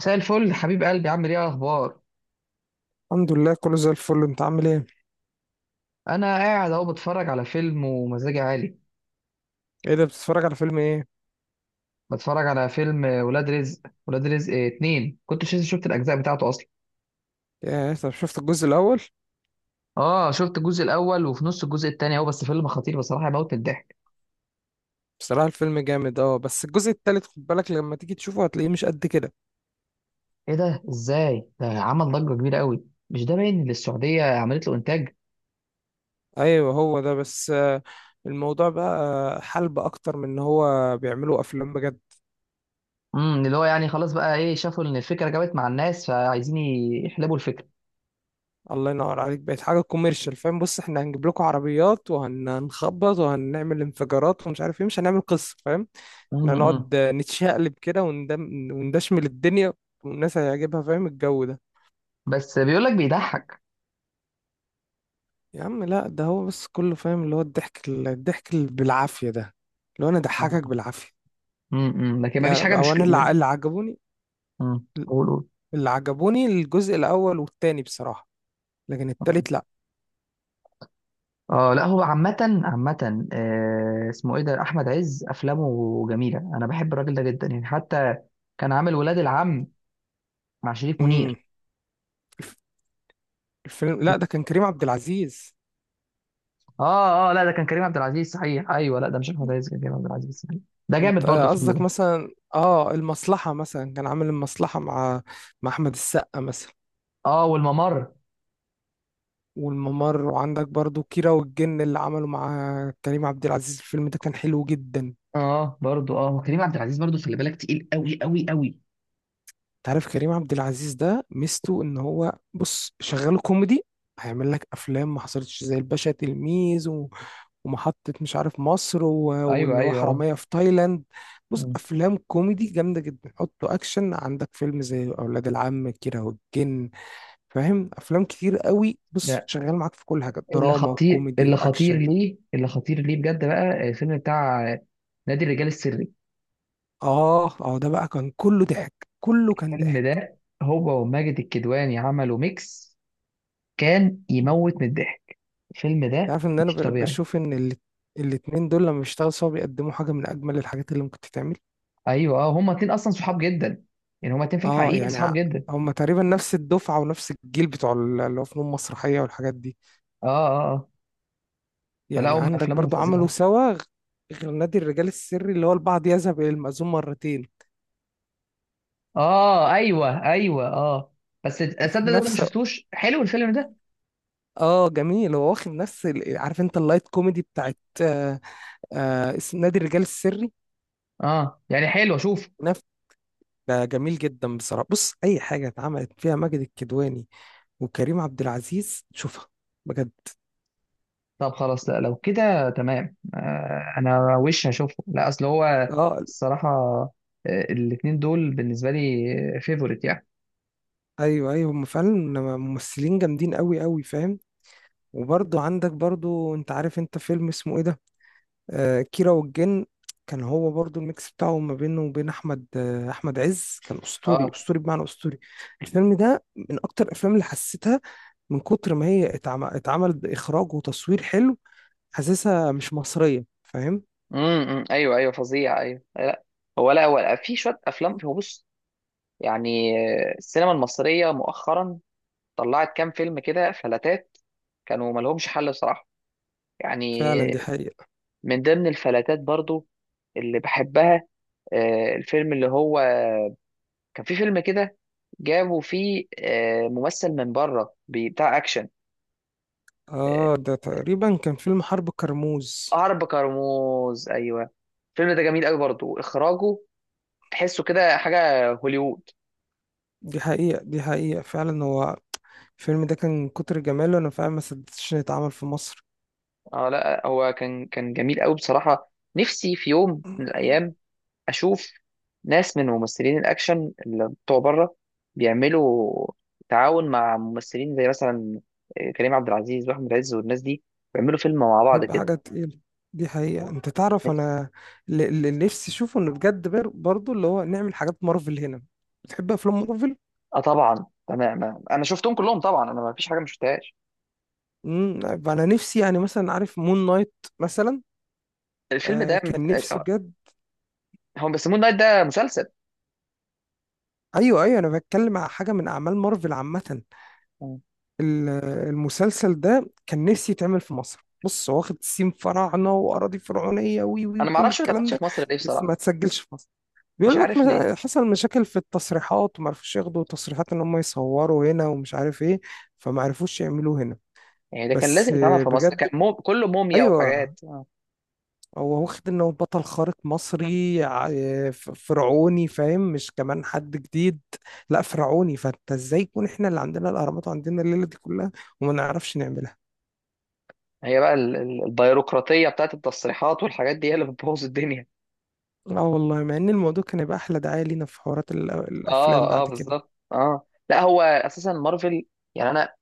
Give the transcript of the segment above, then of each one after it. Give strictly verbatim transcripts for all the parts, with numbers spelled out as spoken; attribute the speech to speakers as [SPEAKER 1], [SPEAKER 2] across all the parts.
[SPEAKER 1] مساء الفل، حبيب قلبي. عامل ايه؟ اخبار؟
[SPEAKER 2] الحمد لله كله زي الفل. انت عامل ايه؟
[SPEAKER 1] انا قاعد اهو بتفرج على فيلم ومزاجي عالي.
[SPEAKER 2] ايه ده، بتتفرج على فيلم ايه؟
[SPEAKER 1] بتفرج على فيلم ولاد رزق. ولاد رزق اتنين. كنت شفت شفت الاجزاء بتاعته اصلا.
[SPEAKER 2] يا طب شفت الجزء الاول.
[SPEAKER 1] اه شفت الجزء الاول وفي نص الجزء التاني اهو. بس فيلم خطير بصراحه، يموت من الضحك.
[SPEAKER 2] بصراحة الفيلم جامد اه، بس الجزء التالت خد بالك لما تيجي تشوفه هتلاقيه مش قد كده.
[SPEAKER 1] ايه ده؟ ازاي ده عمل ضجه كبيره قوي؟ مش ده باين ان السعوديه عملت له انتاج.
[SPEAKER 2] ايوه هو ده بس آه، الموضوع بقى حلب اكتر من ان هو بيعملوا افلام بجد.
[SPEAKER 1] امم اللي هو يعني خلاص بقى، ايه، شافوا ان الفكره جابت مع الناس فعايزين يحلبوا الفكره.
[SPEAKER 2] الله ينور عليك، بقت حاجة كوميرشال، فاهم؟ بص، احنا هنجيب لكم عربيات وهنخبط وهنعمل انفجارات ومش عارف ايه، مش هنعمل قصة، فاهم؟ احنا
[SPEAKER 1] امم
[SPEAKER 2] هنقعد آه، نتشقلب كده وندم- وندشمل الدنيا، والناس هيعجبها، فاهم الجو ده؟
[SPEAKER 1] بس بيقول لك بيضحك.
[SPEAKER 2] يا عم لا، ده هو بس كله فاهم اللي هو الضحك الضحك اللي بالعافية ده، اللي هو انا ضحكك بالعافية.
[SPEAKER 1] امم لكن ما فيش
[SPEAKER 2] لا
[SPEAKER 1] حاجه
[SPEAKER 2] لا،
[SPEAKER 1] مش.
[SPEAKER 2] او انا اللي ع- اللي عجبوني،
[SPEAKER 1] امم قول.
[SPEAKER 2] اللي عجبوني الجزء الاول والتاني بصراحة، لكن
[SPEAKER 1] قول.
[SPEAKER 2] التالت لا.
[SPEAKER 1] اه لا، هو عامة. عامة، آه، اسمه ايه ده، احمد عز افلامه جميلة، انا بحب الراجل ده جدا يعني. حتى كان عامل ولاد العم مع شريف
[SPEAKER 2] امم.
[SPEAKER 1] منير.
[SPEAKER 2] الف- الفيلم لا ده كان كريم عبد العزيز.
[SPEAKER 1] اه اه لا، ده كان كريم عبد العزيز، صحيح. ايوه لا ده مش احمد عز، كان كريم عبد العزيز صحيح. ده جامد
[SPEAKER 2] انت
[SPEAKER 1] برضه
[SPEAKER 2] آه،
[SPEAKER 1] الفيلم
[SPEAKER 2] قصدك
[SPEAKER 1] ده.
[SPEAKER 2] مثلا اه المصلحة؟ مثلا كان عامل المصلحة مع مع احمد السقا مثلا.
[SPEAKER 1] اه، والممر.
[SPEAKER 2] والممر وعندك برضو كيرة والجن اللي عمله مع كريم عبد العزيز، الفيلم ده كان حلو جدا.
[SPEAKER 1] اه برضه اه، وكريم عبد العزيز برضه خلي بالك، تقيل قوي قوي قوي.
[SPEAKER 2] تعرف كريم عبد العزيز ده ميزته ان هو، بص شغال كوميدي، هيعمل لك افلام ما حصلتش زي الباشا تلميذ و... ومحطة مش عارف مصر و...
[SPEAKER 1] ايوه
[SPEAKER 2] واللي هو
[SPEAKER 1] ايوه اه.
[SPEAKER 2] حرامية في تايلاند. بص
[SPEAKER 1] مم.
[SPEAKER 2] افلام كوميدي جامدة جدا. حطه اكشن، عندك فيلم زي اولاد العم، كيرة والجن، فاهم؟ افلام كتير قوي. بص
[SPEAKER 1] لا،
[SPEAKER 2] شغال معاك في كل حاجة،
[SPEAKER 1] اللي
[SPEAKER 2] دراما
[SPEAKER 1] خطير،
[SPEAKER 2] وكوميدي
[SPEAKER 1] اللي خطير
[SPEAKER 2] واكشن.
[SPEAKER 1] ليه، اللي خطير ليه بجد بقى، آه، الفيلم بتاع آه، نادي الرجال السري.
[SPEAKER 2] اه اه، ده بقى كان كله ضحك، كله كان
[SPEAKER 1] الفيلم
[SPEAKER 2] ضحك.
[SPEAKER 1] ده، هو وماجد الكدواني عملوا ميكس، كان يموت من الضحك الفيلم ده.
[SPEAKER 2] عارف ان انا
[SPEAKER 1] مش
[SPEAKER 2] ب-
[SPEAKER 1] طبيعي.
[SPEAKER 2] بشوف ان ال- الاتنين دول لما بيشتغلوا سوا بيقدموا حاجه من اجمل الحاجات اللي ممكن تتعمل.
[SPEAKER 1] ايوه اه، هما اتنين اصلا صحاب جدا يعني، هما اتنين في
[SPEAKER 2] اه
[SPEAKER 1] الحقيقه
[SPEAKER 2] يعني
[SPEAKER 1] صحاب
[SPEAKER 2] ع-
[SPEAKER 1] جدا.
[SPEAKER 2] هما تقريبا نفس الدفعه ونفس الجيل بتوع ال- اللي هو فنون مسرحيه والحاجات دي.
[SPEAKER 1] اه اه اه. فلا،
[SPEAKER 2] يعني
[SPEAKER 1] هم
[SPEAKER 2] عندك
[SPEAKER 1] افلامهم
[SPEAKER 2] برضو عملوا
[SPEAKER 1] فظيعه.
[SPEAKER 2] سوا غ- غير نادي الرجال السري، اللي هو البعض يذهب الى المأذون مرتين.
[SPEAKER 1] اه ايوه ايوه اه. بس تصدق ده انا ما
[SPEAKER 2] نفس
[SPEAKER 1] شفتوش، حلو الفيلم ده؟
[SPEAKER 2] اه جميل. هو واخد نفس ال- عارف انت اللايت كوميدي بتاعت آه آه اس- نادي الرجال السري.
[SPEAKER 1] اه يعني حلو، اشوف.
[SPEAKER 2] ده جميل جدا بصراحة. بص أي حاجة اتعملت فيها ماجد الكدواني وكريم عبد العزيز شوفها بجد.
[SPEAKER 1] طب خلاص، لا لو كده تمام آه، انا وش هشوفه. لا اصل هو
[SPEAKER 2] اه
[SPEAKER 1] الصراحه، آه، الاتنين دول بالنسبه لي فيفورت يعني.
[SPEAKER 2] ايوه ايوه، هم فعلا ممثلين جامدين قوي قوي، فاهم؟ وبرضه عندك برضه، انت عارف انت فيلم اسمه ايه ده، آه كيرة والجن؟ كان هو برضه الميكس بتاعه ما بينه وبين احمد آه احمد عز كان اسطوري،
[SPEAKER 1] اه.
[SPEAKER 2] اسطوري بمعنى اسطوري. الفيلم ده من اكتر الافلام اللي حسيتها، من كتر ما هي اتعم- اتعمل اخراج وتصوير حلو، حاسسها مش مصرية، فاهم؟
[SPEAKER 1] امم ايوه ايوه فظيع، ايوه لا هو، لا هو في شويه افلام، هو بص يعني. السينما المصريه مؤخرا طلعت كام فيلم كده فلاتات كانوا ما لهمش حل بصراحه يعني.
[SPEAKER 2] فعلا دي حقيقة.
[SPEAKER 1] من ضمن الفلاتات برضو اللي بحبها، آه، الفيلم اللي هو، كان في فيلم كده جابوا فيه آه، ممثل من بره، بي- بتاع اكشن. آه،
[SPEAKER 2] اه ده تقريبا كان فيلم حرب كرموز.
[SPEAKER 1] عرب كرموز، ايوه. الفيلم ده جميل قوي برضو اخراجه، تحسه كده حاجه هوليوود.
[SPEAKER 2] دي حقيقة، دي حقيقة فعلا. هو الفيلم ده كان من كتر جماله انا فعلا ما صدقتش انه يتعمل في مصر.
[SPEAKER 1] اه لا هو كان كان جميل قوي بصراحة. نفسي في يوم من الأيام أشوف ناس من ممثلين الأكشن اللي بتوع بره بيعملوا تعاون مع ممثلين زي مثلا آه، كريم عبد العزيز وأحمد عز والناس دي، بيعملوا فيلم مع بعض
[SPEAKER 2] هيبقى
[SPEAKER 1] كده.
[SPEAKER 2] حاجة تقيلة. دي حقيقة. انت تعرف
[SPEAKER 1] نفسي-
[SPEAKER 2] انا اللي اللي نفسي اشوفه انه بجد بر- برضو اللي هو نعمل حاجات مارفل هنا. بتحب افلام مارفل؟
[SPEAKER 1] اه طبعا، أنا ما- أنا شفتهم كلهم طبعا، أنا ما فيش حاجة ما شفتهاش.
[SPEAKER 2] امم. انا نفسي يعني مثلا، عارف مون نايت مثلا؟
[SPEAKER 1] الفيلم
[SPEAKER 2] آه
[SPEAKER 1] ده،
[SPEAKER 2] كان نفسي
[SPEAKER 1] آه،
[SPEAKER 2] بجد.
[SPEAKER 1] هم بيسموه النايت، ده مسلسل.
[SPEAKER 2] ايوه ايوه، انا بتكلم على حاجة من اعمال مارفل عامة.
[SPEAKER 1] مم.
[SPEAKER 2] ال- المسلسل ده كان نفسي يتعمل في مصر. بص هو واخد سيم فراعنه واراضي فرعونيه وي وي
[SPEAKER 1] أنا ما
[SPEAKER 2] وكل
[SPEAKER 1] أعرفش ما
[SPEAKER 2] الكلام
[SPEAKER 1] اتعملش
[SPEAKER 2] ده.
[SPEAKER 1] في مصر ليه
[SPEAKER 2] بس
[SPEAKER 1] بصراحة.
[SPEAKER 2] ما تسجلش في مصر،
[SPEAKER 1] مش
[SPEAKER 2] بيقول لك
[SPEAKER 1] عارف ليه.
[SPEAKER 2] مش- حصل مشاكل في التصريحات وما عرفوش ياخدوا تصريحات ان هم يصوروا هنا ومش عارف ايه، فما عرفوش يعملوه هنا.
[SPEAKER 1] يعني ده كان
[SPEAKER 2] بس
[SPEAKER 1] لازم يتعمل في مصر،
[SPEAKER 2] بجد
[SPEAKER 1] كان مو... كله موميا
[SPEAKER 2] ايوه،
[SPEAKER 1] وحاجات.
[SPEAKER 2] هو واخد انه بطل خارق مصري ع- ف- فرعوني، فاهم؟ مش كمان حد جديد، لا فرعوني. فانت ازاي يكون احنا اللي عندنا الاهرامات وعندنا الليله دي كلها وما نعرفش نعملها؟
[SPEAKER 1] هي بقى ال- ال- البيروقراطية بتاعت التصريحات والحاجات دي، هي اللي بتبوظ الدنيا.
[SPEAKER 2] اه والله، مع ان الموضوع كان يبقى احلى دعاية لينا في حوارات ال- آه، الافلام
[SPEAKER 1] اه اه
[SPEAKER 2] بعد كده.
[SPEAKER 1] بالظبط. اه لا هو اساسا مارفل يعني، انا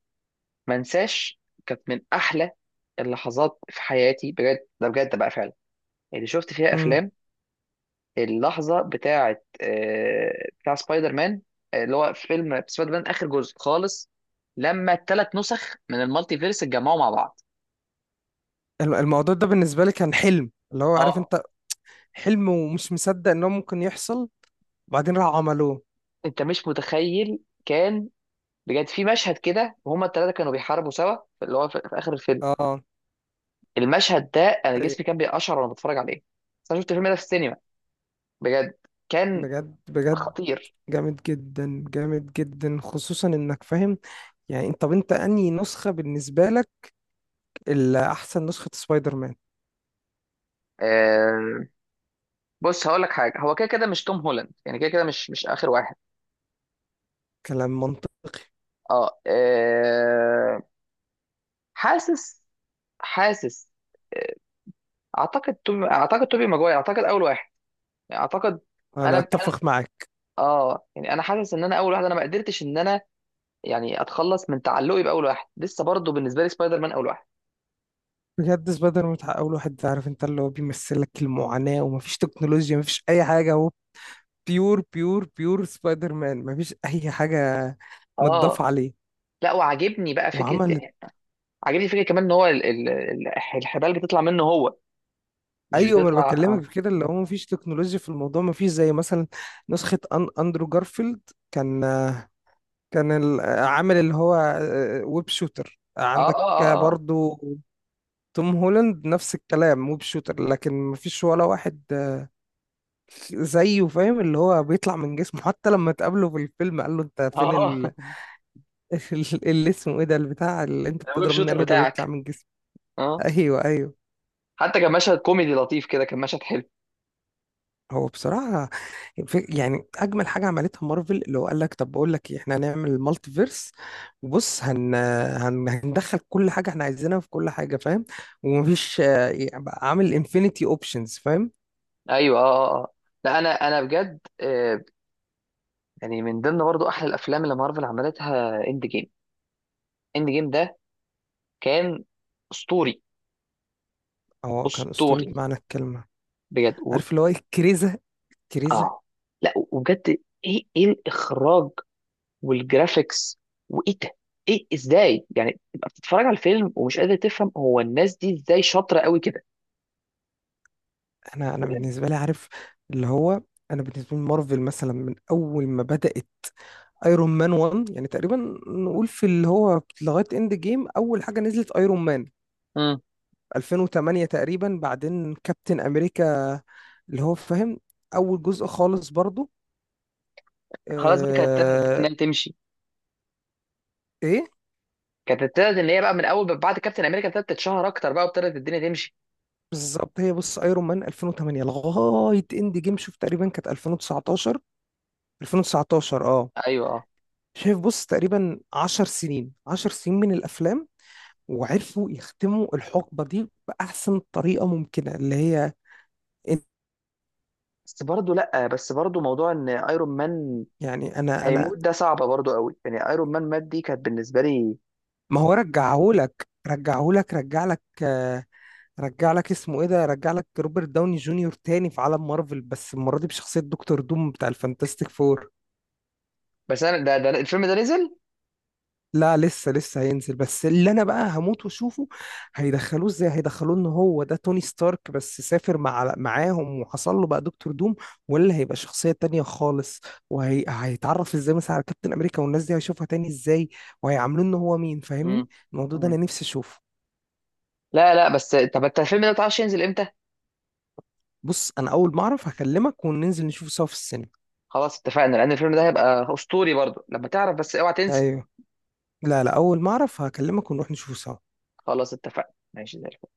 [SPEAKER 1] ما انساش كانت من احلى اللحظات في حياتي بجد، ده بجد بقى فعلا اللي شفت فيها
[SPEAKER 2] امم.
[SPEAKER 1] افلام. اللحظة بتاعت آه، بتاع سبايدر مان، آه، اللي هو في فيلم سبايدر مان اخر جزء خالص، لما الثلاث نسخ من المالتي فيرس اتجمعوا مع بعض.
[SPEAKER 2] الم- الموضوع ده بالنسبة لي كان حلم، اللي هو عارف
[SPEAKER 1] اه.
[SPEAKER 2] انت، حلم ومش مصدق ان هو ممكن يحصل، وبعدين راحوا عملوه.
[SPEAKER 1] انت مش متخيل. كان بجد في مشهد كده وهما التلاتة كانوا بيحاربوا سوا، اللي هو في, في آخر الفيلم.
[SPEAKER 2] اه
[SPEAKER 1] المشهد ده أنا
[SPEAKER 2] طيب.
[SPEAKER 1] جسمي كان بيقشعر وأنا بتفرج عليه. بس أنا شفت الفيلم ده في السينما، بجد كان
[SPEAKER 2] بجد بجد
[SPEAKER 1] خطير.
[SPEAKER 2] جامد جدا، جامد جدا، خصوصا انك فاهم يعني. انت طب انت انهي نسخة بالنسبة لك اللي احسن نسخة سبايدر مان؟
[SPEAKER 1] آه، بص هقول لك حاجة، هو كده كده مش توم هولاند يعني، كده كده مش، مش آخر واحد.
[SPEAKER 2] كلام منطقي.
[SPEAKER 1] اه، آه. حاسس، حاسس، آه، اعتقد توبي، اعتقد توبي ماجواير اعتقد اول واحد يعني، اعتقد. انا
[SPEAKER 2] انا
[SPEAKER 1] انا
[SPEAKER 2] اتفق معاك.
[SPEAKER 1] اه يعني انا حاسس ان انا اول واحد، انا ما قدرتش ان انا يعني اتخلص من تعلقي باول واحد، لسه برضه بالنسبه لي سبايدر مان اول واحد.
[SPEAKER 2] بجد، سبايدر مان بتاع اول واحد، عارف انت، اللي هو بيمثلك المعاناة ومفيش تكنولوجيا، مفيش اي حاجة. بيور بيور بيور سبايدر مان، مفيش اي حاجه متضاف
[SPEAKER 1] اه
[SPEAKER 2] عليه.
[SPEAKER 1] لا، وعاجبني بقى فكره
[SPEAKER 2] وعملت
[SPEAKER 1] يعني، عاجبني فكره كمان ان هو ال- ال- ال- الحبال بتطلع منه هو، مش
[SPEAKER 2] ايوه، ما انا
[SPEAKER 1] بتطلع
[SPEAKER 2] بكلمك
[SPEAKER 1] اه.
[SPEAKER 2] في كده، اللي هو مفيش تكنولوجيا في الموضوع، مفيش زي مثلا نسخه أن اندرو جارفيلد، كان كان ال- عامل اللي هو ويب شوتر.
[SPEAKER 1] اه
[SPEAKER 2] عندك
[SPEAKER 1] اه اه
[SPEAKER 2] برضو توم هولاند نفس الكلام ويب شوتر، لكن مفيش ولا واحد زيه، فاهم؟ اللي هو بيطلع من جسمه، حتى لما تقابله في الفيلم قال له انت فين
[SPEAKER 1] اه
[SPEAKER 2] ال... اللي اسمه ايه ده، البتاع اللي انت
[SPEAKER 1] آه. الويب
[SPEAKER 2] بتضرب منه، قال
[SPEAKER 1] شوتر
[SPEAKER 2] له ده بيطلع
[SPEAKER 1] بتاعك.
[SPEAKER 2] من جسمه.
[SPEAKER 1] اه
[SPEAKER 2] ايوه ايوه.
[SPEAKER 1] حتى كان مشهد كوميدي لطيف كده، كان مشهد حلو.
[SPEAKER 2] هو بصراحه في يعني اجمل حاجه عملتها مارفل، اللي هو قال لك طب بقول لك إيه؟ احنا هنعمل مالتي فيرس، وبص هن... هن... هندخل كل حاجه احنا عايزينها في كل حاجه، فاهم؟ ومفيش آه، يعني بقى عامل انفينيتي اوبشنز، فاهم؟
[SPEAKER 1] ايوه اه اه آه. لا، انا انا بجد آه، يعني من ضمن برضو احلى الافلام اللي مارفل عملتها، اند جيم. اند جيم ده كان اسطوري،
[SPEAKER 2] هو كان اسطوري
[SPEAKER 1] اسطوري
[SPEAKER 2] بمعنى الكلمه.
[SPEAKER 1] بجد و...
[SPEAKER 2] عارف اللي هو إيه؟ كريزه، كريزه.
[SPEAKER 1] اه لا وبجد، ايه، ايه الاخراج والجرافيكس وايه ده، ايه، ازاي يعني تبقى بتتفرج على الفيلم ومش قادر تفهم هو الناس دي ازاي شاطره قوي كده؟
[SPEAKER 2] انا انا
[SPEAKER 1] بجد.
[SPEAKER 2] بالنسبه لي، عارف اللي هو، انا بالنسبه لي مارفل مثلا من اول ما بدات ايرون مان واحد يعني تقريبا، نقول في اللي هو لغايه اند جيم. اول حاجه نزلت ايرون مان
[SPEAKER 1] امم
[SPEAKER 2] ألفين وتمانية تقريبا، بعدين كابتن امريكا اللي هو فاهم، اول جزء خالص برضو.
[SPEAKER 1] خلاص بقى، كانت ابتدت بقى
[SPEAKER 2] آه
[SPEAKER 1] انها تمشي،
[SPEAKER 2] ايه
[SPEAKER 1] كانت ابتدت ان هي بقى من اول بعد كابتن امريكا ابتدت تتشهر اكتر بقى وابتدت الدنيا تمشي.
[SPEAKER 2] بالظبط. هي بص، ايرون مان ألفين وتمانية لغايه اند جيم شوف تقريبا كانت ألفين وتسعتاشر. 2019 اه.
[SPEAKER 1] ايوه اه.
[SPEAKER 2] شايف، بص تقريبا عشر سنين، عشر سنين من الافلام، وعرفوا يختموا الحقبه دي باحسن طريقه ممكنه، اللي هي إن-
[SPEAKER 1] بس برضه لا، بس برضه موضوع ان ايرون مان
[SPEAKER 2] يعني انا انا
[SPEAKER 1] هيموت، ده صعبه برضه قوي يعني، ايرون مان مات دي كانت بالنسبه لي.
[SPEAKER 2] ما هو. رجعهولك رجعهولك رجع لك رجع لك اسمه ايه ده، رجع لك روبرت داوني جونيور تاني في عالم مارفل بس المره دي بشخصيه دكتور دوم بتاع الفانتاستيك فور.
[SPEAKER 1] بس انا ده, ده الفيلم ده نزل؟
[SPEAKER 2] لا لسه لسه هينزل، بس اللي انا بقى هموت واشوفه، هيدخلوه ازاي؟ هيدخلوه ان هو ده توني ستارك بس سافر مع معاهم وحصل له بقى دكتور دوم، ولا هيبقى شخصيه تانية خالص؟ وهيتعرف ازاي مثلا على كابتن امريكا والناس دي هيشوفها تاني ازاي، وهيعاملوه ان هو مين، فاهمني؟
[SPEAKER 1] امم
[SPEAKER 2] الموضوع ده
[SPEAKER 1] مم.
[SPEAKER 2] انا نفسي اشوفه.
[SPEAKER 1] لا لا، بس طب انت الفيلم ده متعرفش ينزل امتى؟
[SPEAKER 2] بص انا اول ما اعرف هكلمك وننزل نشوفه سوا في السينما.
[SPEAKER 1] خلاص اتفقنا، لان الفيلم ده هيبقى اسطوري برضه لما تعرف، بس اوعى تنسى.
[SPEAKER 2] ايوه. لا لا، اول ما اعرف هكلمك ونروح نشوفه سوا.
[SPEAKER 1] خلاص اتفقنا، ماشي زي الفل.